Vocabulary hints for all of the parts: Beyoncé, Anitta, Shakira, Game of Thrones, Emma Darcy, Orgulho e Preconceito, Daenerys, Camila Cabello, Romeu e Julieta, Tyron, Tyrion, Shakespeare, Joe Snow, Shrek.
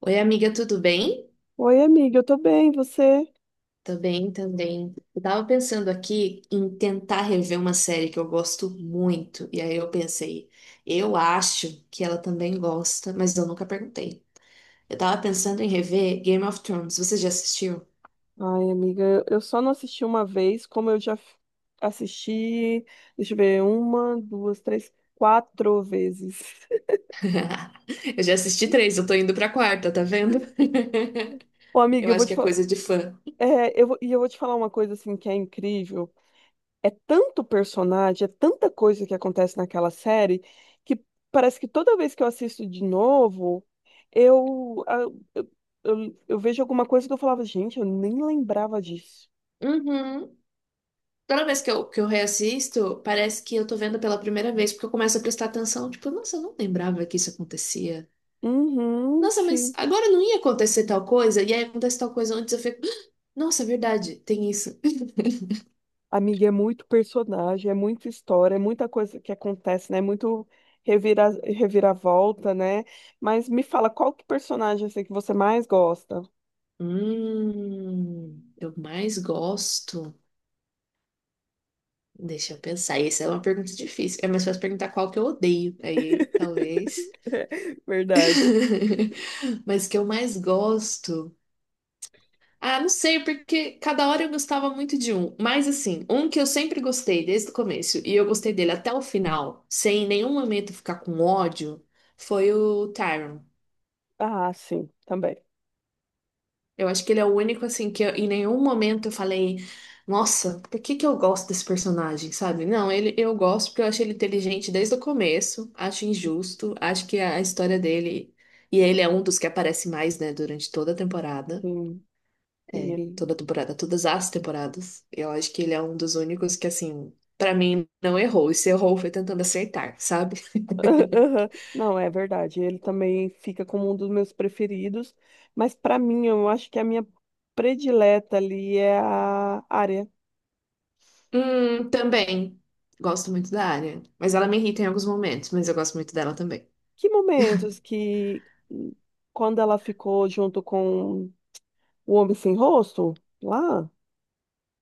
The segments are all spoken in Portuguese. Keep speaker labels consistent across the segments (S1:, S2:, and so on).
S1: Oi, amiga, tudo bem?
S2: Oi, amiga, eu tô bem, você?
S1: Tô bem também. Eu tava pensando aqui em tentar rever uma série que eu gosto muito. E aí eu pensei, eu acho que ela também gosta, mas eu nunca perguntei. Eu tava pensando em rever Game of Thrones. Você já assistiu?
S2: Ai, amiga, eu só não assisti uma vez, como eu assisti, deixa eu ver, uma, duas, três, quatro vezes.
S1: Eu já assisti três, eu tô indo pra quarta, tá vendo?
S2: Ô, amiga,
S1: Eu
S2: eu vou
S1: acho
S2: te
S1: que é
S2: falar,
S1: coisa de fã.
S2: é, eu vou, e eu vou te falar uma coisa assim que é incrível. É tanto personagem, é tanta coisa que acontece naquela série que parece que toda vez que eu assisto de novo, eu, a- eu, eu vejo alguma coisa que eu falava: gente, eu nem lembrava disso.
S1: Uhum. Toda vez que eu reassisto, parece que eu tô vendo pela primeira vez, porque eu começo a prestar atenção. Tipo, nossa, eu não lembrava que isso acontecia.
S2: Uhum,
S1: Nossa, mas
S2: sim.
S1: agora não ia acontecer tal coisa, e aí acontece tal coisa antes, eu fico, "Ah, nossa, é verdade, tem isso."
S2: Amiga, é muito personagem, é muita história, é muita coisa que acontece, né? É muito revira, reviravolta, né? Mas me fala, qual que personagem assim, que você mais gosta?
S1: Eu mais gosto. Deixa eu pensar. Essa é uma pergunta difícil. É mais fácil perguntar qual que eu odeio. Aí, talvez.
S2: Verdade.
S1: Mas que eu mais gosto. Ah, não sei, porque cada hora eu gostava muito de um. Mas assim, um que eu sempre gostei desde o começo, e eu gostei dele até o final, sem em nenhum momento ficar com ódio, foi o Tyron.
S2: Ah, sim, também.
S1: Eu acho que ele é o único, assim, em nenhum momento eu falei, nossa, por que que eu gosto desse personagem, sabe? Não, ele, eu gosto porque eu acho ele inteligente desde o começo, acho injusto, acho que a história dele. E ele é um dos que aparece mais, né, durante toda a temporada.
S2: Sim, sim,
S1: É,
S2: ele...
S1: toda a temporada, todas as temporadas. Eu acho que ele é um dos únicos que, assim, pra mim, não errou. E se errou, foi tentando acertar, sabe?
S2: Aham. Não, é verdade. Ele também fica como um dos meus preferidos. Mas para mim, eu acho que a minha predileta ali é a área.
S1: Também. Gosto muito da área. Mas ela me irrita em alguns momentos, mas eu gosto muito dela também.
S2: Que momentos que, quando ela ficou junto com o Homem Sem Rosto? Lá?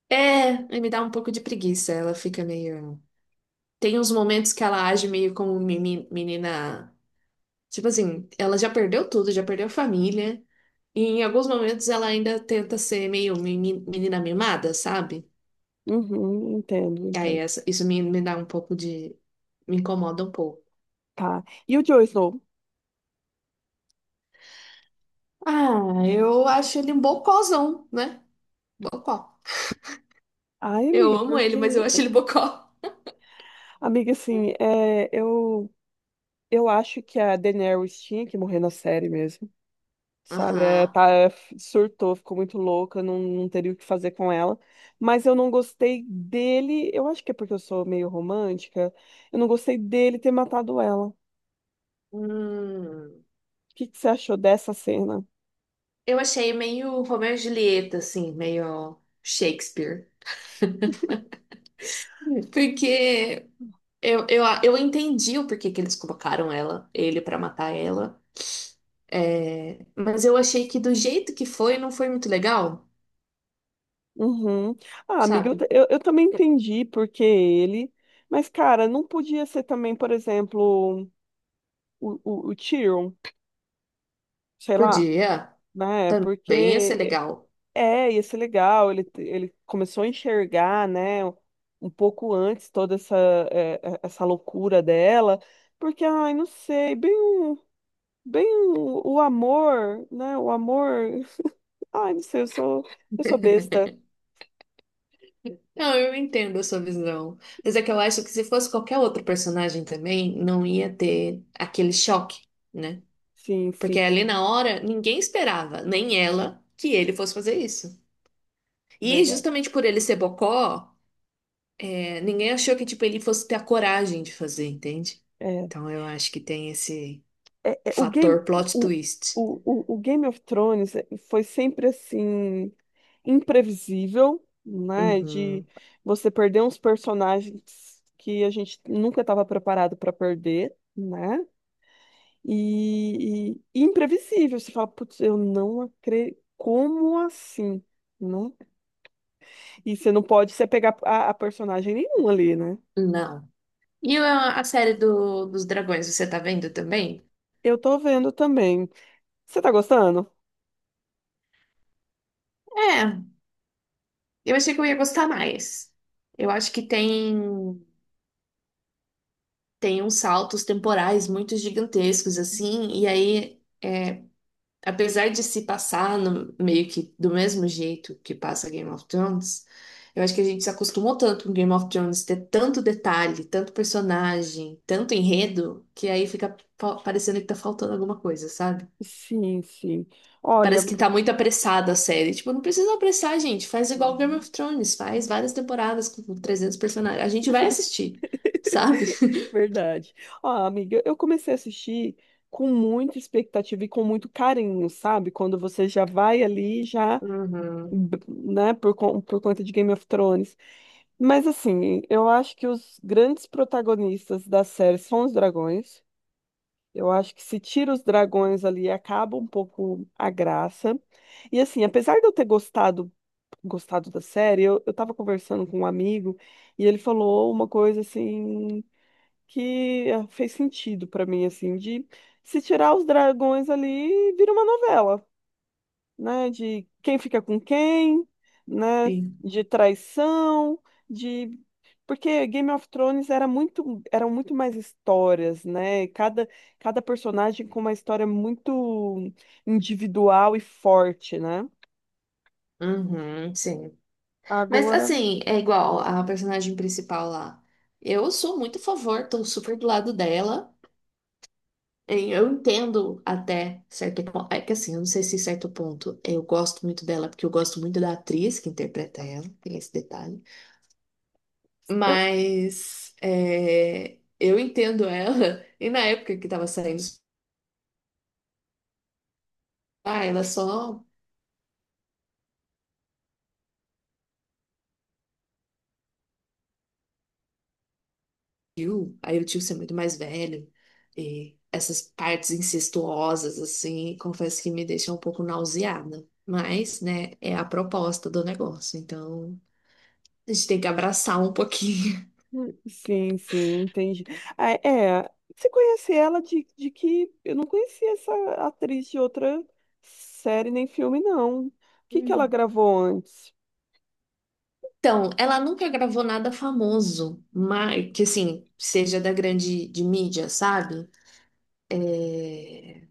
S1: É, e me dá um pouco de preguiça. Ela fica meio. Tem uns momentos que ela age meio como menina. Tipo assim, ela já perdeu tudo, já perdeu família. E em alguns momentos ela ainda tenta ser meio menina mimada, sabe?
S2: Uhum, entendo,
S1: E aí
S2: entendo.
S1: isso me dá um pouco de. Me incomoda um pouco.
S2: Tá. E o Joe Snow?
S1: Ah, eu acho ele um bocózão, né? Bocó.
S2: Ai,
S1: Eu
S2: amiga,
S1: amo ele, mas eu acho
S2: porque...
S1: ele bocó.
S2: Amiga, assim, é, eu acho que a Daenerys tinha que morrer na série mesmo, sabe? É,
S1: Aham.
S2: tá, surtou, ficou muito louca, não, não teria o que fazer com ela. Mas eu não gostei dele, eu acho que é porque eu sou meio romântica, eu não gostei dele ter matado ela. O
S1: Hum,
S2: que que você achou dessa cena?
S1: eu achei meio Romeu e Julieta, assim, meio Shakespeare. Porque eu entendi o porquê que eles colocaram ela, ele pra matar ela. É, mas eu achei que do jeito que foi, não foi muito legal,
S2: Uhum. Ah, amiga,
S1: sabe?
S2: eu também entendi porque ele. Mas, cara, não podia ser também, por exemplo, o Tyrion, sei lá,
S1: Podia,
S2: né?
S1: também ia ser
S2: Porque
S1: legal.
S2: é, ia ser legal. Ele começou a enxergar, né, um pouco antes toda essa, é, é, essa loucura dela. Porque, ai, não sei, bem, o- bem o amor, né? O amor. Ai, não sei, eu sou besta.
S1: Não, eu entendo a sua visão. Mas é que eu acho que se fosse qualquer outro personagem também, não ia ter aquele choque, né?
S2: Sim,
S1: Porque
S2: sim,
S1: ali na hora, ninguém esperava, nem ela, que ele fosse fazer isso. E
S2: verdade.
S1: justamente por ele ser bocó. Ninguém achou que, tipo, ele fosse ter a coragem de fazer, entende?
S2: É.
S1: Então eu acho que tem esse
S2: O Game,
S1: fator plot twist.
S2: o, o Game of Thrones foi sempre assim, imprevisível, né? De
S1: Uhum.
S2: você perder uns personagens que a gente nunca estava preparado para perder, né? E, e imprevisível. Você fala: putz, eu não acredito. Como assim? Né? E você não pode se apegar a personagem nenhum ali, né?
S1: Não. E a série dos dragões, você tá vendo também?
S2: Eu tô vendo também. Você tá gostando?
S1: É, eu achei que eu ia gostar mais. Eu acho que tem uns saltos temporais muito gigantescos, assim, e aí. É, apesar de se passar meio que do mesmo jeito que passa Game of Thrones, eu acho que a gente se acostumou tanto com Game of Thrones ter tanto detalhe, tanto personagem, tanto enredo, que aí fica parecendo que tá faltando alguma coisa, sabe?
S2: Sim, sim. Olha,
S1: Parece que tá muito apressada a série. Tipo, não precisa apressar, gente. Faz igual Game of Thrones, faz várias temporadas com 300 personagens. A gente vai assistir, sabe?
S2: verdade. Ah, amiga, eu comecei a assistir com muita expectativa e com muito carinho, sabe? Quando você já vai ali, já,
S1: Uhum,
S2: né, por conta de Game of Thrones. Mas assim, eu acho que os grandes protagonistas da série são os dragões. Eu acho que se tira os dragões ali, acaba um pouco a graça. E assim, apesar de eu ter gostado, gostado da série, eu tava conversando com um amigo e ele falou uma coisa assim que fez sentido pra mim, assim, de se tirar os dragões ali, vira uma novela, né? De quem fica com quem, né?
S1: sim.
S2: De traição, de porque Game of Thrones era muito, eram muito mais histórias, né? Cada, cada personagem com uma história muito individual e forte, né?
S1: Uhum, sim. Mas
S2: Agora,
S1: assim, é igual a personagem principal lá. Eu sou muito a favor, tô super do lado dela. E eu entendo até certo ponto. É que assim, eu não sei se certo ponto eu gosto muito dela, porque eu gosto muito da atriz que interpreta ela, tem esse detalhe.
S2: eu-
S1: Mas é, eu entendo ela, e na época que tava saindo, ah, ela só tio, aí o tio ser muito mais velho, e essas partes incestuosas, assim, confesso que me deixam um pouco nauseada. Mas, né, é a proposta do negócio, então a gente tem que abraçar um pouquinho.
S2: sim, sim, entendi. Ah, é, você conhece ela de que eu não conhecia essa atriz de outra série nem filme, não. O que que ela
S1: Hum.
S2: gravou antes?
S1: Então, ela nunca gravou nada famoso, mas que assim, seja da grande de mídia, sabe? É,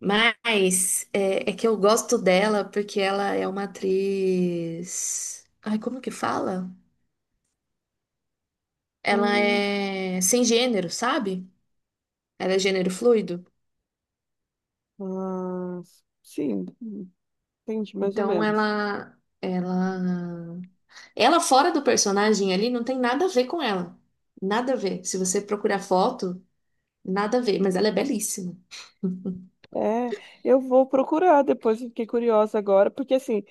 S1: mas é, é que eu gosto dela porque ela é uma atriz. Ai, como que fala? Ela
S2: Hum,
S1: é sem gênero, sabe? Ela é gênero fluido.
S2: ah, sim, entendi, mais ou
S1: Então
S2: menos.
S1: ela fora do personagem ali não tem nada a ver com ela. Nada a ver. Se você procurar foto, nada a ver. Mas ela é belíssima.
S2: É, eu vou procurar depois, eu fiquei curiosa agora, porque assim,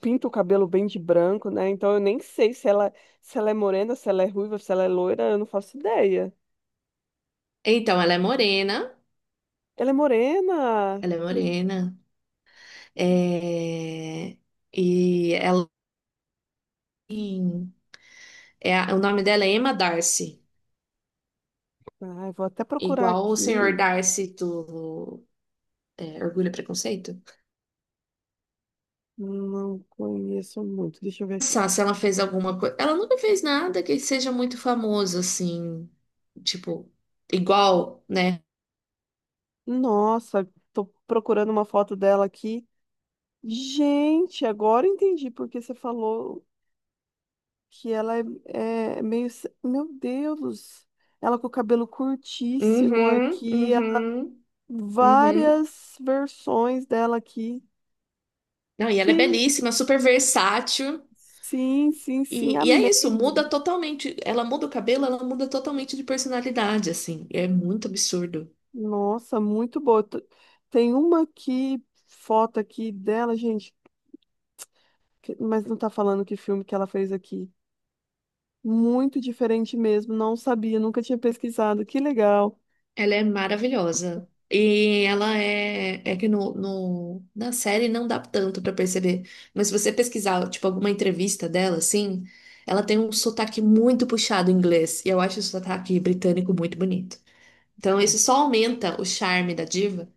S2: pinta o cabelo bem de branco, né? Então eu nem sei se ela, se ela é morena, se ela é ruiva, se ela é loira, eu não faço ideia.
S1: Então ela é morena,
S2: Ela é morena?
S1: ela é morena. É... E ela tem- é o nome dela é Emma Darcy,
S2: Ai, vou até procurar
S1: igual o senhor
S2: aqui.
S1: Darcy do é, Orgulho e Preconceito.
S2: Não conheço muito, deixa eu ver aqui.
S1: Pensar se ela fez alguma coisa. Ela nunca fez nada que seja muito famoso, assim, tipo, igual, né?
S2: Nossa, tô procurando uma foto dela aqui. Gente, agora eu entendi porque você falou que ela é, é meio. Meu Deus! Ela com o cabelo curtíssimo
S1: Uhum,
S2: aqui, ela-
S1: uhum, uhum.
S2: várias versões dela aqui.
S1: Não, e ela
S2: Que
S1: é belíssima, super versátil.
S2: sim, sim, sim,
S1: E é isso, muda
S2: amei.
S1: totalmente. Ela muda o cabelo, ela muda totalmente de personalidade, assim. É muito absurdo.
S2: Nossa, muito boa. Tem uma aqui, foto aqui dela, gente, que- mas não tá falando que filme que ela fez aqui. Muito diferente mesmo, não sabia, nunca tinha pesquisado. Que legal.
S1: Ela é maravilhosa. E ela é. É que na série não dá tanto pra perceber. Mas se você pesquisar, tipo, alguma entrevista dela, assim, ela tem um sotaque muito puxado em inglês. E eu acho o sotaque britânico muito bonito. Então isso só aumenta o charme da diva.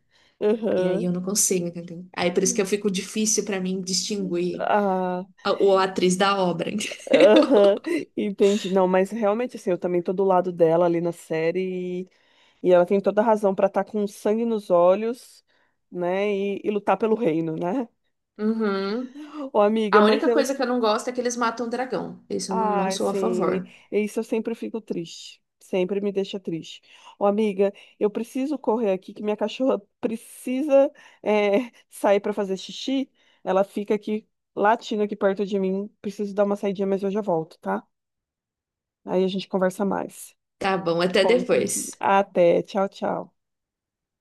S1: E aí
S2: Aham.
S1: eu não consigo, entendeu? Aí por isso que eu fico difícil pra mim distinguir
S2: Ah.
S1: a atriz da obra.
S2: Aham, entendi. Não, mas realmente, assim, eu também tô do lado dela ali na série e ela tem toda a razão pra estar com sangue nos olhos, né, e lutar pelo reino, né?
S1: Uhum.
S2: Ô, amiga,
S1: A
S2: mas
S1: única
S2: eu...
S1: coisa que eu não gosto é que eles matam o dragão. Isso eu não, não
S2: Ai,
S1: sou a
S2: sim,
S1: favor.
S2: isso eu sempre fico triste. Sempre me deixa triste. Ô, amiga, eu preciso correr aqui que minha cachorra precisa é, sair pra fazer xixi. Ela fica aqui latindo aqui perto de mim. Preciso dar uma saidinha, mas eu já volto, tá? Aí a gente conversa mais.
S1: Tá bom, até
S2: Como-
S1: depois.
S2: até. Tchau, tchau.